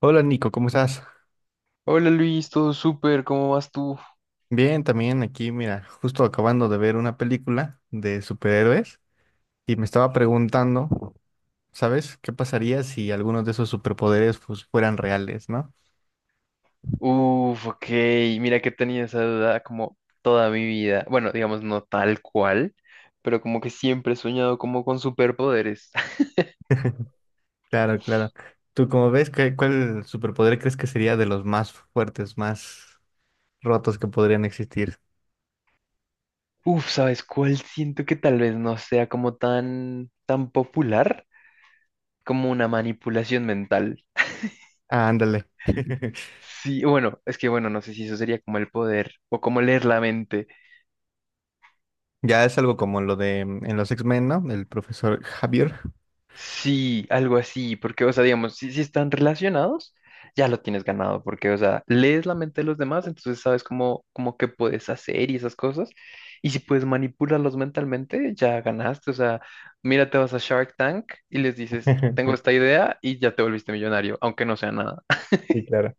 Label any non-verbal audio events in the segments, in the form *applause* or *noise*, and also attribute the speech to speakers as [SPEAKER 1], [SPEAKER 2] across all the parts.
[SPEAKER 1] Hola Nico, ¿cómo estás?
[SPEAKER 2] Hola Luis, todo súper, ¿cómo vas tú?
[SPEAKER 1] Bien, también aquí, mira, justo acabando de ver una película de superhéroes y me estaba preguntando, ¿sabes? ¿Qué pasaría si algunos de esos superpoderes pues, fueran reales, ¿no?
[SPEAKER 2] Uf, ok, mira que tenía esa duda como toda mi vida. Bueno, digamos no tal cual, pero como que siempre he soñado como con superpoderes. *laughs*
[SPEAKER 1] *laughs* Claro, claro. ¿Tú cómo ves? ¿Cuál superpoder crees que sería de los más fuertes, más rotos que podrían existir?
[SPEAKER 2] Uf, ¿sabes cuál? Siento que tal vez no sea como tan popular como una manipulación mental.
[SPEAKER 1] Ah, ándale. *laughs*
[SPEAKER 2] Sí, bueno, es que bueno, no sé si eso sería como el poder o como leer la mente.
[SPEAKER 1] Ya es algo como lo de en los X-Men, ¿no? El profesor Javier.
[SPEAKER 2] Sí, algo así, porque, o sea, digamos, si están relacionados, ya lo tienes ganado, porque, o sea, lees la mente de los demás, entonces sabes cómo que puedes hacer y esas cosas, y si puedes manipularlos mentalmente, ya ganaste, o sea, mira, te vas a Shark Tank y les dices, tengo
[SPEAKER 1] *laughs*
[SPEAKER 2] esta idea y ya te volviste millonario, aunque no sea nada.
[SPEAKER 1] Sí, claro.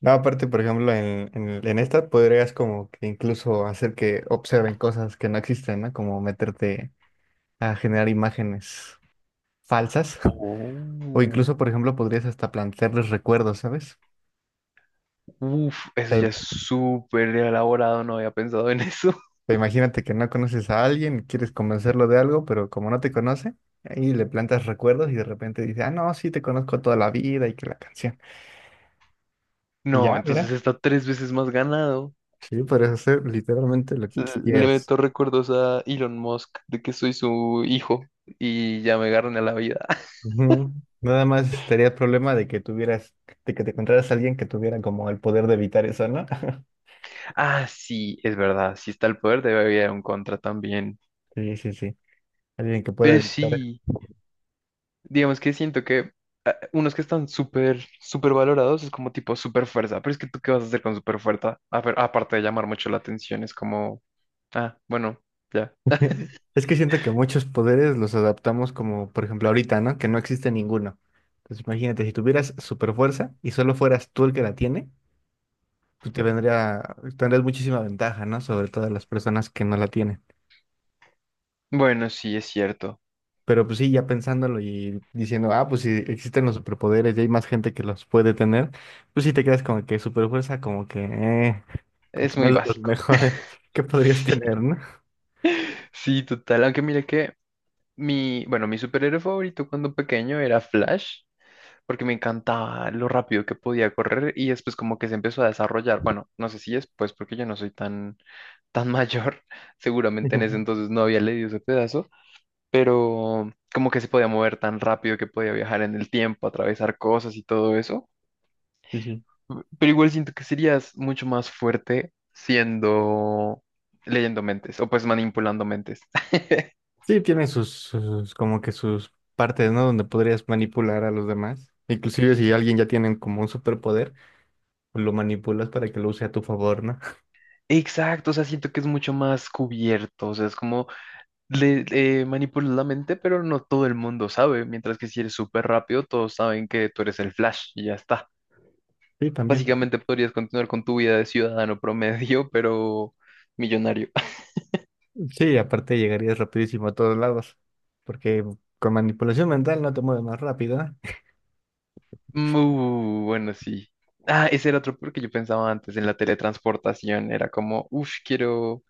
[SPEAKER 1] No, aparte, por ejemplo, en esta podrías como que incluso hacer que observen cosas que no existen, ¿no? Como meterte a generar imágenes falsas. *laughs* O
[SPEAKER 2] Oh,
[SPEAKER 1] incluso, por ejemplo, podrías hasta plantearles recuerdos, ¿sabes?
[SPEAKER 2] uf, eso
[SPEAKER 1] Te-
[SPEAKER 2] ya es súper elaborado, no había pensado en eso. *laughs*
[SPEAKER 1] Te imagínate que no conoces a alguien y quieres convencerlo de algo, pero como no te conoce, ahí le plantas recuerdos y de repente dice, ah, no, sí, te conozco toda la vida y que la canción. Y
[SPEAKER 2] No,
[SPEAKER 1] ya,
[SPEAKER 2] entonces
[SPEAKER 1] mira,
[SPEAKER 2] está tres veces más ganado.
[SPEAKER 1] sí, podrías hacer literalmente lo que
[SPEAKER 2] Le
[SPEAKER 1] quisieras.
[SPEAKER 2] meto recuerdos a Elon Musk de que soy su hijo y ya me agarran a la vida. *laughs*
[SPEAKER 1] Ujú. Nada más estaría el problema de que tuvieras, de que te encontraras a alguien que tuviera como el poder de evitar eso, ¿no? *laughs*
[SPEAKER 2] Ah, sí, es verdad. Si está el poder, debe haber un contra también.
[SPEAKER 1] Sí, sí, sí. Alguien que pueda
[SPEAKER 2] Pero
[SPEAKER 1] evitar.
[SPEAKER 2] sí, digamos que siento que unos que están súper valorados es como tipo super fuerza. Pero es que tú, ¿qué vas a hacer con super fuerza? A ver, aparte de llamar mucho la atención, es como, ah, bueno, ya.
[SPEAKER 1] Es que siento que muchos poderes los adaptamos como, por ejemplo, ahorita, ¿no? Que no existe ninguno. Entonces, imagínate, si tuvieras super fuerza y solo fueras tú el que la tiene, pues te vendría, tendrías muchísima ventaja, ¿no? Sobre todas las personas que no la tienen.
[SPEAKER 2] Bueno, sí, es cierto.
[SPEAKER 1] Pero pues sí, ya pensándolo y diciendo, ah, pues si existen los superpoderes y hay más gente que los puede tener, pues sí te quedas como que superfuerza, como que
[SPEAKER 2] Es
[SPEAKER 1] no
[SPEAKER 2] muy
[SPEAKER 1] es de los
[SPEAKER 2] básico. *laughs*
[SPEAKER 1] mejores *laughs* que podrías tener,
[SPEAKER 2] Sí,
[SPEAKER 1] ¿no?
[SPEAKER 2] sí, total. Aunque mira que. Mi, bueno, mi superhéroe favorito cuando pequeño era Flash, porque me encantaba lo rápido que podía correr y después como que se empezó a desarrollar. Bueno, no sé si después, porque yo no soy tan mayor, *laughs* seguramente en ese
[SPEAKER 1] *laughs*
[SPEAKER 2] entonces no había leído ese pedazo, pero como que se podía mover tan rápido que podía viajar en el tiempo, atravesar cosas y todo eso.
[SPEAKER 1] Sí, sí.
[SPEAKER 2] Pero igual siento que serías mucho más fuerte siendo leyendo mentes o pues manipulando mentes. *laughs*
[SPEAKER 1] Sí, tiene sus, como que sus partes, ¿no? Donde podrías manipular a los demás. Inclusive si alguien ya tiene como un superpoder, pues lo manipulas para que lo use a tu favor, ¿no? *laughs*
[SPEAKER 2] Exacto, o sea, siento que es mucho más cubierto, o sea, es como le manipulas la mente, pero no todo el mundo sabe, mientras que si eres súper rápido, todos saben que tú eres el Flash y ya está.
[SPEAKER 1] Sí, también.
[SPEAKER 2] Básicamente podrías continuar con tu vida de ciudadano promedio, pero millonario. *laughs*
[SPEAKER 1] Sí, aparte llegarías rapidísimo a todos lados, porque con manipulación mental no te mueves más rápido, ¿eh?
[SPEAKER 2] Bueno, sí. Ah, ese era otro porque yo pensaba antes en la teletransportación. Era como, uff, quiero,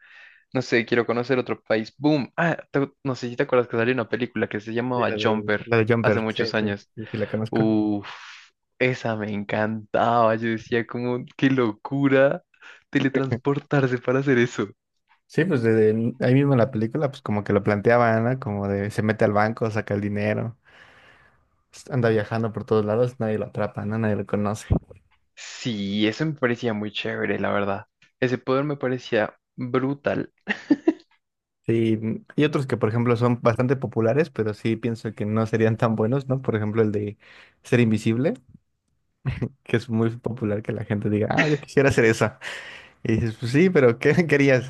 [SPEAKER 2] no sé, quiero conocer otro país. Boom. Ah, te- no sé si te acuerdas que salió una película que se
[SPEAKER 1] Sí,
[SPEAKER 2] llamaba Jumper
[SPEAKER 1] la de
[SPEAKER 2] hace
[SPEAKER 1] Jumper, sí,
[SPEAKER 2] muchos
[SPEAKER 1] sí,
[SPEAKER 2] años.
[SPEAKER 1] sí, sí la conozco.
[SPEAKER 2] Uf, esa me encantaba. Yo decía como, qué locura teletransportarse para hacer eso.
[SPEAKER 1] Sí, pues desde ahí mismo en la película, pues como que lo planteaban, ¿no? Como de se mete al banco, saca el dinero, anda viajando por todos lados, nadie lo atrapa, ¿no? Nadie lo conoce.
[SPEAKER 2] Sí, eso me parecía muy chévere, la verdad. Ese poder me parecía brutal.
[SPEAKER 1] Sí, y otros que, por ejemplo, son bastante populares, pero sí pienso que no serían tan buenos, ¿no? Por ejemplo, el de ser invisible, que es muy popular que la gente diga, ah, yo quisiera hacer eso. Y dices, pues sí, pero ¿qué *laughs* querías?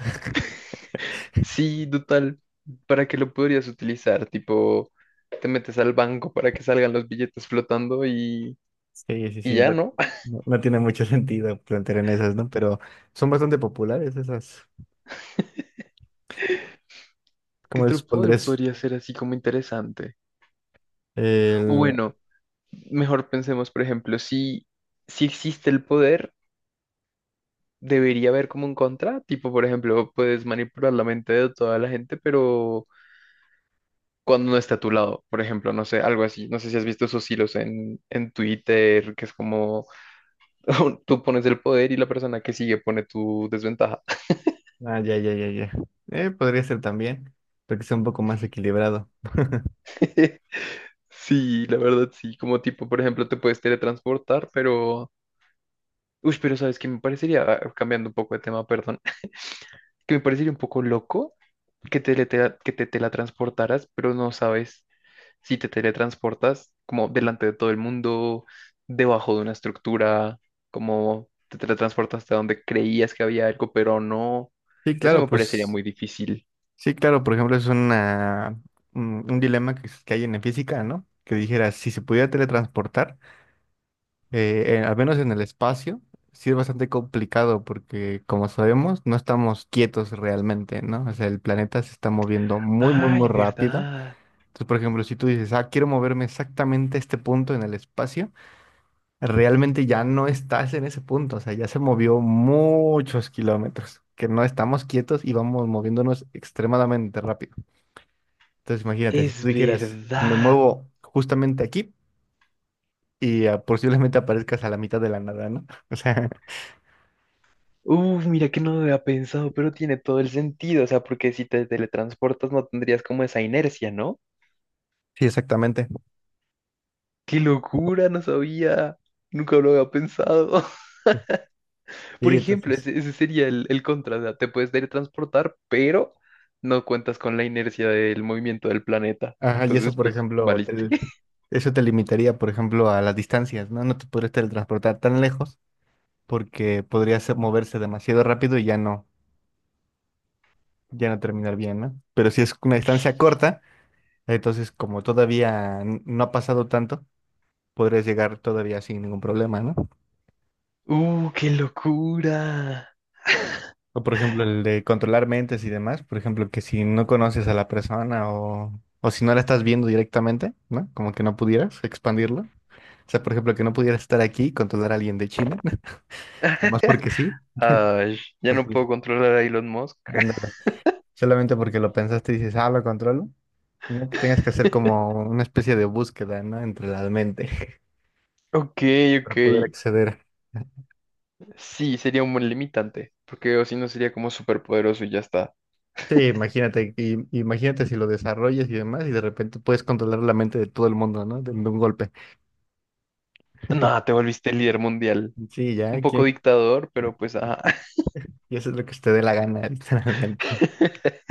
[SPEAKER 2] Sí, total. ¿Para qué lo podrías utilizar? Tipo, te metes al banco para que salgan los billetes flotando
[SPEAKER 1] Sí, sí,
[SPEAKER 2] y
[SPEAKER 1] sí,
[SPEAKER 2] ya,
[SPEAKER 1] no,
[SPEAKER 2] ¿no?
[SPEAKER 1] no tiene mucho *laughs* sentido plantear en esas, ¿no? Pero son bastante populares esas.
[SPEAKER 2] *laughs* ¿Qué
[SPEAKER 1] ¿Cómo les
[SPEAKER 2] otro poder
[SPEAKER 1] pondrías?
[SPEAKER 2] podría ser así como interesante? O
[SPEAKER 1] El...
[SPEAKER 2] bueno, mejor pensemos, por ejemplo, si, si existe el poder. Debería haber como un contra, tipo, por ejemplo, puedes manipular la mente de toda la gente, pero cuando no está a tu lado, por ejemplo, no sé, algo así, no sé si has visto esos hilos en Twitter, que es como *laughs* tú pones el poder y la persona que sigue pone tu desventaja.
[SPEAKER 1] Ah, ya, ya, ya, ya. Podría ser también, pero que sea un poco más equilibrado.
[SPEAKER 2] *laughs* Sí, la verdad, sí, como tipo, por ejemplo, te puedes teletransportar, pero... Uy, pero sabes que me parecería, ah, cambiando un poco de tema, perdón, *laughs* que me parecería un poco loco que te, que te teletransportaras, pero no sabes. Si te teletransportas como delante de todo el mundo, debajo de una estructura, como te teletransportas a donde creías que había algo, pero no.
[SPEAKER 1] Sí,
[SPEAKER 2] Eso
[SPEAKER 1] claro,
[SPEAKER 2] me parecería
[SPEAKER 1] pues,
[SPEAKER 2] muy difícil.
[SPEAKER 1] sí, claro, por ejemplo, es una, un dilema que, que hay en la física, ¿no? Que dijera, si se pudiera teletransportar, al menos en el espacio, sí es bastante complicado porque, como sabemos, no estamos quietos realmente, ¿no? O sea, el planeta se está moviendo muy, muy, muy
[SPEAKER 2] Ay,
[SPEAKER 1] rápido.
[SPEAKER 2] verdad.
[SPEAKER 1] Entonces, por ejemplo, si tú dices, ah, quiero moverme exactamente a este punto en el espacio, realmente ya no estás en ese punto, o sea, ya se movió muchos kilómetros. Que no estamos quietos y vamos moviéndonos extremadamente rápido. Entonces imagínate, si tú
[SPEAKER 2] Es
[SPEAKER 1] dijeras, me
[SPEAKER 2] verdad.
[SPEAKER 1] muevo justamente aquí y ah, posiblemente aparezcas a la mitad de la nada, ¿no? *laughs* O sea,
[SPEAKER 2] Mira que no lo había pensado, pero tiene todo el sentido. O sea, porque si te teletransportas no tendrías como esa inercia, ¿no?
[SPEAKER 1] sí, exactamente.
[SPEAKER 2] ¡Qué locura! No sabía. Nunca lo había pensado. Por
[SPEAKER 1] Sí,
[SPEAKER 2] ejemplo,
[SPEAKER 1] entonces,
[SPEAKER 2] ese sería el contra, o sea, te puedes teletransportar, pero no cuentas con la inercia del movimiento del planeta.
[SPEAKER 1] ajá, y
[SPEAKER 2] Entonces,
[SPEAKER 1] eso, por
[SPEAKER 2] pues,
[SPEAKER 1] ejemplo,
[SPEAKER 2] valiste. *laughs*
[SPEAKER 1] eso te limitaría, por ejemplo, a las distancias, ¿no? No te podrías teletransportar tan lejos porque podrías moverse demasiado rápido y ya no, ya no terminar bien, ¿no? Pero si es una distancia corta, entonces como todavía no ha pasado tanto, podrías llegar todavía sin ningún problema, ¿no?
[SPEAKER 2] ¡Uh, qué locura!
[SPEAKER 1] O por ejemplo, el de controlar mentes y demás, por ejemplo, que si no conoces a la persona o si no la estás viendo directamente, ¿no? Como que no pudieras expandirlo. O sea, por ejemplo, que no pudieras estar aquí y controlar a alguien de China, *laughs* nomás
[SPEAKER 2] Ay, ya no
[SPEAKER 1] porque, sí,
[SPEAKER 2] puedo controlar a Elon Musk.
[SPEAKER 1] ándale, solamente porque lo pensaste y dices, ah, lo controlo, ¿no? Que tengas que hacer como una especie de búsqueda, ¿no? Entre la mente *laughs*
[SPEAKER 2] Ok, ok.
[SPEAKER 1] para poder acceder.
[SPEAKER 2] Sí, sería un buen limitante, porque o si no sería como súper poderoso y ya está.
[SPEAKER 1] Sí, imagínate, imagínate si lo desarrollas y demás, y de repente puedes controlar la mente de todo el mundo, ¿no? De un golpe.
[SPEAKER 2] Nada, te volviste líder mundial.
[SPEAKER 1] Sí, ya,
[SPEAKER 2] Un poco
[SPEAKER 1] ¿quién?
[SPEAKER 2] dictador, pero pues, ajá.
[SPEAKER 1] Y eso es lo que usted dé la gana, *laughs* literalmente.
[SPEAKER 2] *laughs*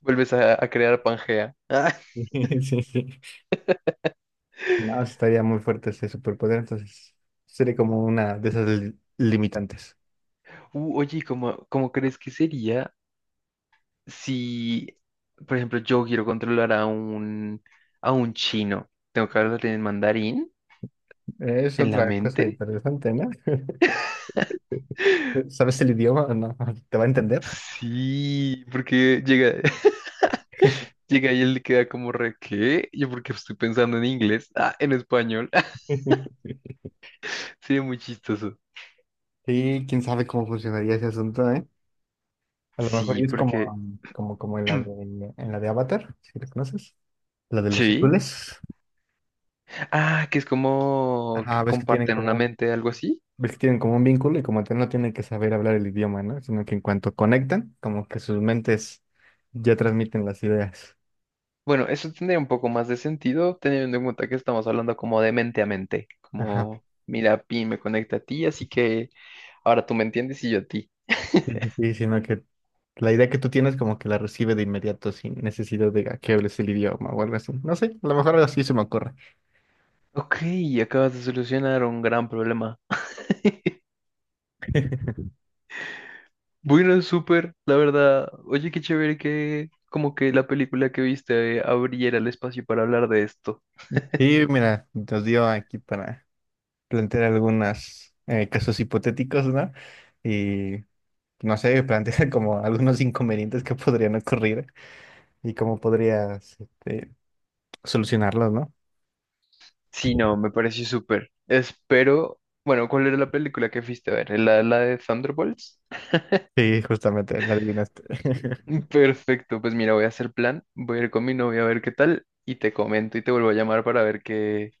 [SPEAKER 2] Vuelves a crear Pangea. Ah.
[SPEAKER 1] Sí, sí, sí. No, estaría muy fuerte ese superpoder, entonces sería como una de esas limitantes.
[SPEAKER 2] Oye, ¿y cómo, cómo crees que sería? Si, por ejemplo, yo quiero controlar a un chino, tengo que hablar en mandarín,
[SPEAKER 1] Es
[SPEAKER 2] en la
[SPEAKER 1] otra cosa
[SPEAKER 2] mente.
[SPEAKER 1] interesante, ¿no? *laughs* ¿Sabes el idioma o no? ¿Te va a entender?
[SPEAKER 2] Sí, porque llega, *laughs* llega y él le queda como re, ¿qué? Yo porque estoy pensando en inglés, ah, en español. *laughs*
[SPEAKER 1] *laughs*
[SPEAKER 2] Sí, muy chistoso.
[SPEAKER 1] Sí, quién sabe cómo funcionaría ese asunto, ¿eh? A lo mejor
[SPEAKER 2] Sí,
[SPEAKER 1] es como,
[SPEAKER 2] porque,
[SPEAKER 1] como, como en la de Avatar, si lo conoces, la de los
[SPEAKER 2] sí.
[SPEAKER 1] azules.
[SPEAKER 2] Ah, que es como
[SPEAKER 1] Ajá,
[SPEAKER 2] que
[SPEAKER 1] ves que tienen
[SPEAKER 2] comparten
[SPEAKER 1] como
[SPEAKER 2] una
[SPEAKER 1] un
[SPEAKER 2] mente, algo así.
[SPEAKER 1] ves que tienen como un vínculo y como tal no tienen que saber hablar el idioma, ¿no? Sino que en cuanto conectan, como que sus mentes ya transmiten las ideas.
[SPEAKER 2] Bueno, eso tendría un poco más de sentido, teniendo en cuenta que estamos hablando como de mente a mente,
[SPEAKER 1] Ajá.
[SPEAKER 2] como, mira, Pi me conecta a ti, así que ahora tú me entiendes y yo a ti.
[SPEAKER 1] Sí, sí, sí, sino que la idea que tú tienes como que la recibe de inmediato sin necesidad de que hables el idioma o algo así. No sé, a lo mejor algo así se me ocurre.
[SPEAKER 2] Ok, acabas de solucionar un gran problema. *laughs*
[SPEAKER 1] *laughs*
[SPEAKER 2] Bueno, súper, la verdad. Oye, qué chévere que como que la película que viste abriera el espacio para hablar de esto.
[SPEAKER 1] Y mira, nos dio aquí para plantear algunos casos hipotéticos, ¿no? Y no sé, *laughs* plantear como algunos inconvenientes que podrían ocurrir y cómo podrías este, solucionarlos, ¿no?
[SPEAKER 2] Sí, no, me pareció súper. Espero, bueno, ¿cuál era la película que fuiste a ver? ¿La, la de Thunderbolts?
[SPEAKER 1] Sí, justamente, la adivinaste. *laughs* Recuerdo
[SPEAKER 2] *laughs* Perfecto, pues mira, voy a hacer plan, voy a ir con mi novia a ver qué tal y te comento y te vuelvo a llamar para ver qué,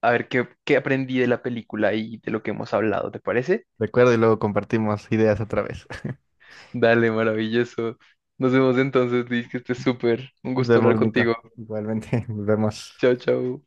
[SPEAKER 2] a ver qué, qué aprendí de la película y de lo que hemos hablado, ¿te parece?
[SPEAKER 1] y luego compartimos ideas otra vez. *laughs*
[SPEAKER 2] Dale, maravilloso. Nos vemos entonces, Liz, que estés súper. Un
[SPEAKER 1] Nos
[SPEAKER 2] gusto hablar
[SPEAKER 1] vemos, Nico.
[SPEAKER 2] contigo.
[SPEAKER 1] Igualmente, *laughs* nos vemos.
[SPEAKER 2] Chao, chao.